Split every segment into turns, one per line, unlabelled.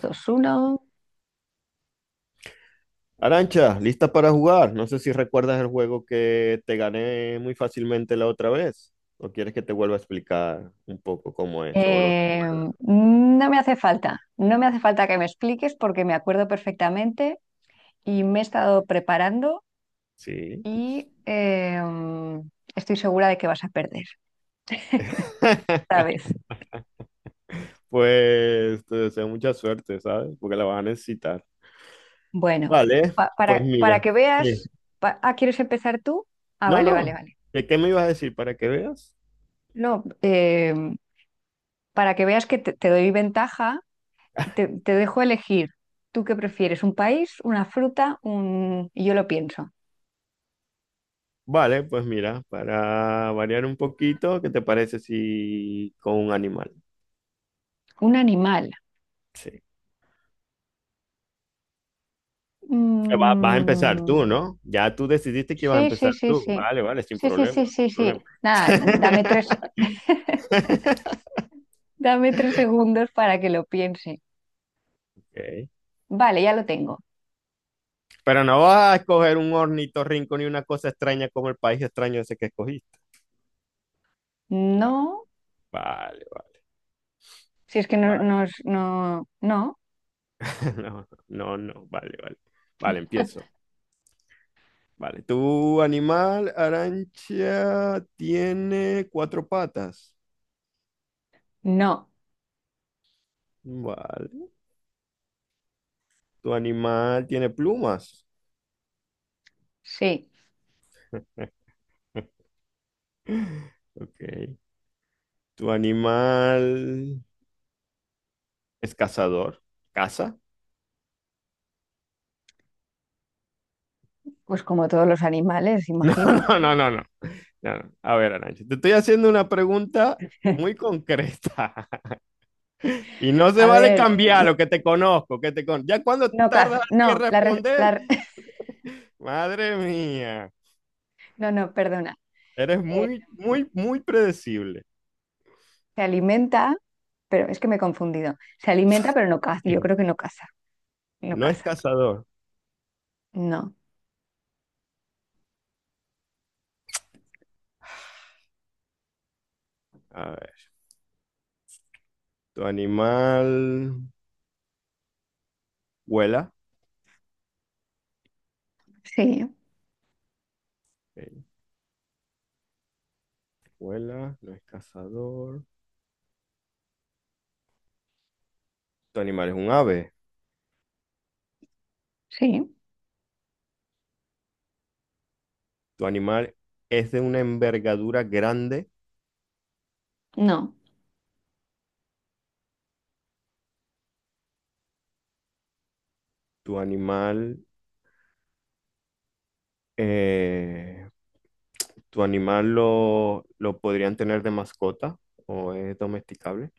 Dos, uno.
Arancha, ¿lista para jugar? No sé si recuerdas el juego que te gané muy fácilmente la otra vez. ¿O quieres que te vuelva a explicar un poco cómo es, olor?
Eh, no me hace falta, no me hace falta que me expliques porque me acuerdo perfectamente y me he estado preparando
Sí.
y estoy segura de que vas a perder esta vez.
Pues te deseo mucha suerte, ¿sabes? Porque la vas a necesitar.
Bueno,
Vale,
pa-
pues
para, para
mira.
que
Sí.
veas, ¿quieres empezar tú? Ah,
No,
vale, vale,
no.
vale.
¿De qué me ibas a decir para que veas?
No, para que veas que te doy ventaja, te dejo elegir. ¿Tú qué prefieres? ¿Un país, una fruta, un... y yo lo pienso,
Vale, pues mira, para variar un poquito, ¿qué te parece si con un animal?
un animal?
Sí. Vas a empezar
Mm,
tú, ¿no? Ya tú decidiste que vas a
sí, sí,
empezar
sí,
tú.
sí.
Vale, vale, sin
Sí, sí,
problema,
sí, sí,
sin
sí.
problema.
Nada, dame tres segundos para que lo piense.
Ok.
Vale, ya lo tengo.
Pero no vas a escoger un ornitorrinco ni una cosa extraña como el país extraño ese que escogiste. Va-
No,
Vale, vale,
si es que no,
vale.
no, es- no, no,
No, no, no, vale, vale. Vale, empiezo. Vale, tu animal, Arancha, tiene cuatro patas.
no.
Vale. Tu animal tiene plumas.
Sí,
Ok. Tu animal, ¿es cazador? ¿Caza?
pues como todos los animales,
No,
imagino.
no, no, no, no. No, no. A ver, Arancha, te estoy haciendo una pregunta muy concreta, y no se
A
vale
ver,
cambiar lo que te conozco, que te con... Ya cuando
no
tardas
caza,
así en
no,
responder, madre mía,
no, no, perdona.
eres
Eh,
muy, muy, muy predecible.
Se alimenta, pero es que me he confundido. Se alimenta, pero no caza. Yo
Sí.
creo que no caza, no
No es
caza.
cazador.
No,
A ver, tu animal vuela.
sí,
Ok, vuela, no es cazador. Tu animal es un ave.
sí.
Tu animal es de una envergadura grande.
No,
Tu animal, eh, ¿tu animal lo podrían tener de mascota o es domesticable?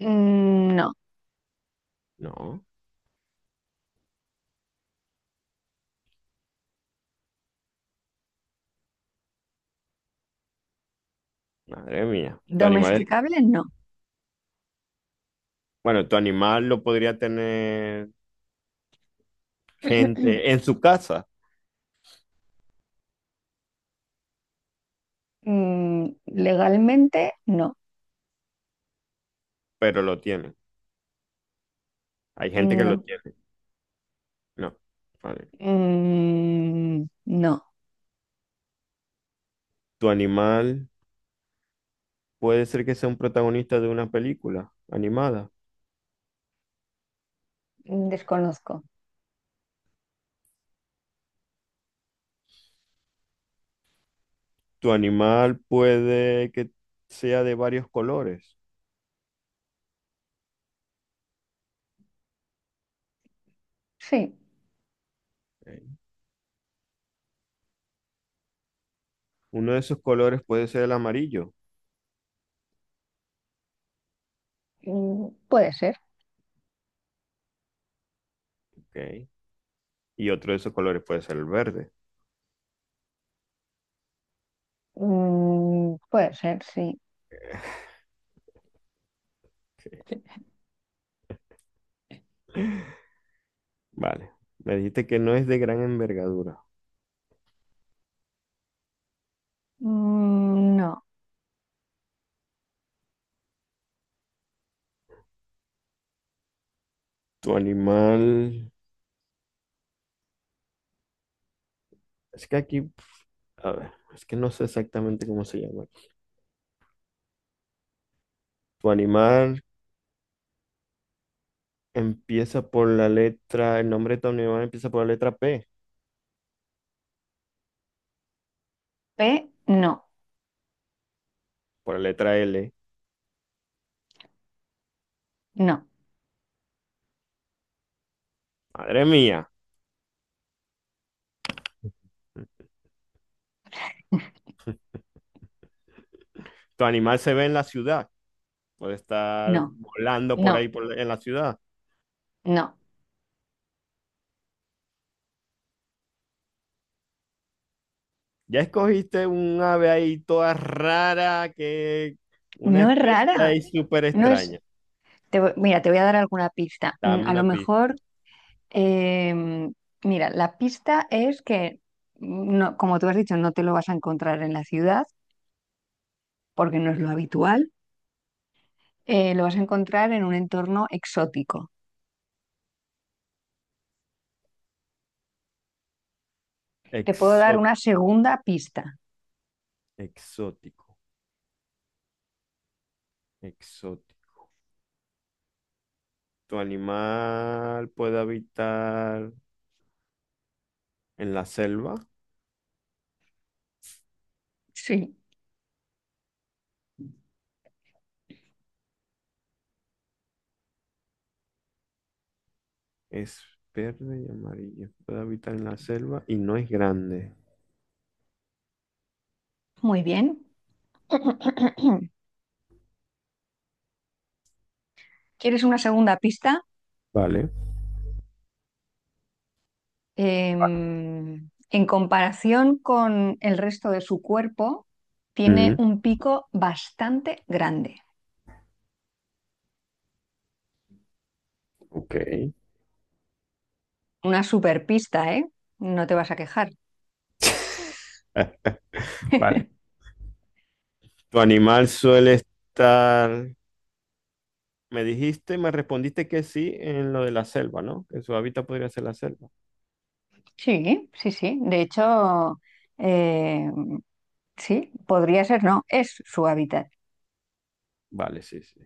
mm, no.
No, madre mía. Tu animal,
Domesticable, no.
bueno, tu animal lo podría tener gente en su casa,
Mm, legalmente, no.
pero lo tiene. Hay gente que lo
No.
tiene. No, vale.
Mm, no.
Tu animal puede ser que sea un protagonista de una película animada.
Desconozco.
Tu animal puede que sea de varios colores.
Sí.
Ok. Uno de esos colores puede ser el amarillo.
Mm, puede ser.
Ok. Y otro de esos colores puede ser el verde.
Mm, puede ser, sí.
Ok. Vale. Me dijiste que no es de gran envergadura.
Mm, no.
Tu animal... Es que aquí... A ver, es que no sé exactamente cómo se llama. Tu animal empieza por la letra... El nombre de tu animal empieza por la letra P,
P, no.
por la letra L.
No.
Madre mía. Tu animal se ve en la ciudad. Puede estar
No.
volando por
No.
ahí en la ciudad.
No.
Ya escogiste un ave ahí toda rara, que una
No es
especie
rara.
ahí súper
No es.
extraña.
Mira, te voy a dar alguna pista. Mm,
Dame
a lo
una
mejor
pista.
Em, mira, la pista es que, no, como tú has dicho, no te lo vas a encontrar en la ciudad, porque no es lo habitual, lo vas a encontrar en un entorno exótico. Te puedo dar
Exó-
una segunda pista.
exótico, exótico. ¿Tu animal puede habitar en la selva?
Sí.
Es verde y amarillo. Puede habitar en la selva y no es grande.
Muy bien. ¿Quieres una segunda pista?
Vale.
Em, en comparación con el resto de su cuerpo, tiene
Mm,
un pico bastante grande.
ok.
Una super pista, ¿eh? No te vas a quejar.
Ah, vale. ¿Tu animal suele estar... Me dijiste, me respondiste que sí en lo de la selva, ¿no? Que su hábitat podría ser la selva.
Sí, sí, sí. De hecho, eh, sí, podría ser, no, es su hábitat.
Vale, sí, sí.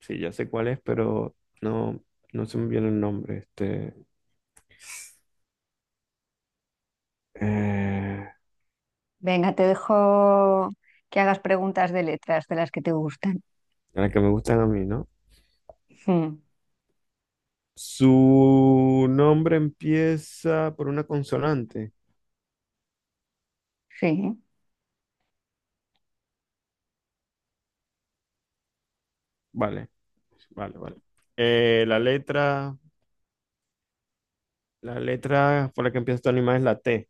Sí, ya sé cuál es, pero no, no se me viene el nombre. Este... Eh...
Venga, te dejo que hagas preguntas de letras de las que te gustan.
La que me gustan a mí, ¿no?
Mm,
Su nombre empieza por una consonante.
sí,
Vale, vale, vale. Eh, la letra, la letra por la que empieza este animal es la T.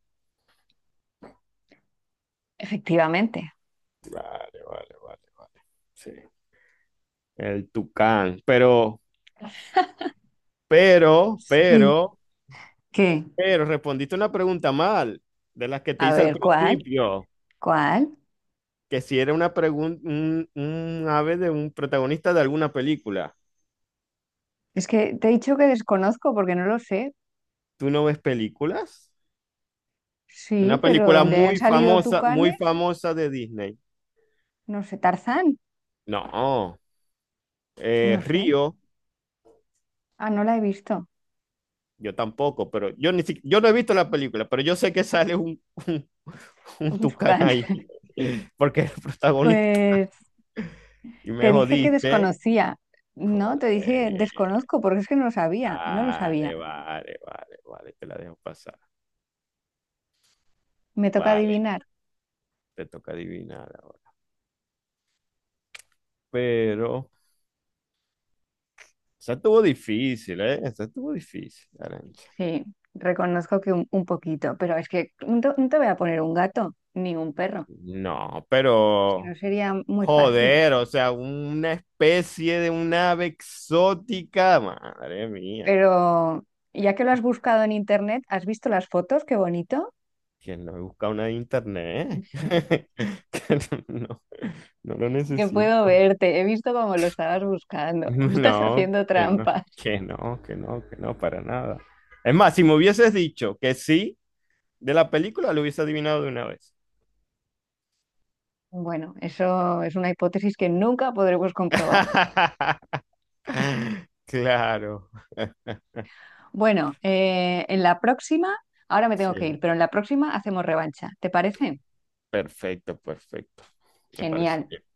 efectivamente.
Vale, vale, vale, vale. Sí. El tucán. Pero,
Sí.
pero,
¿Qué?
pero respondiste una pregunta mal de las que te
A
hice al
ver, ¿cuál?
principio.
¿Cuál?
Que si era una pregunta, un ave de un protagonista de alguna película.
Es que te he dicho que desconozco porque no lo sé.
¿Tú no ves películas?
Sí,
Una
pero
película
donde hayan salido
muy
tucanes,
famosa de Disney.
no sé, Tarzán,
No,
no sé.
Río,
Ah, no la he visto.
yo tampoco, pero yo ni si- yo no he visto la película, pero yo sé que sale un
Un
tucán
tucán.
ahí, porque es el protagonista.
Pues
Y me
te dije que
jodiste.
desconocía, ¿no? Te dije
Joder.
desconozco porque es que no lo sabía, no lo sabía.
Vale, vale, vale, vale, te la dejo pasar.
Me toca
Vale,
adivinar.
te toca adivinar ahora. Pero esa estuvo difícil, ¿eh? Esa estuvo difícil, Arancha.
Sí, reconozco que un poquito, pero es que no te voy a poner un gato ni un perro,
No,
si no
pero
sería muy fácil.
joder, o sea, una especie de un ave exótica. Madre mía,
Pero ya que lo has buscado en internet, ¿has visto las fotos? Qué bonito.
¿quién? No he buscado una de internet. Que no, no lo
Es que puedo
necesito.
verte, he visto cómo lo estabas buscando. Estás
No,
haciendo
que no,
trampas.
que no, que no, que no, para nada. Es más, si me hubieses dicho que sí de la película, lo hubiese adivinado de una vez.
Bueno, eso es una hipótesis que nunca podremos comprobar.
Claro.
Bueno, en la próxima, ahora me
Sí,
tengo que ir, pero en la próxima hacemos revancha. ¿Te parece?
perfecto, perfecto. Me parece
Genial.
bien.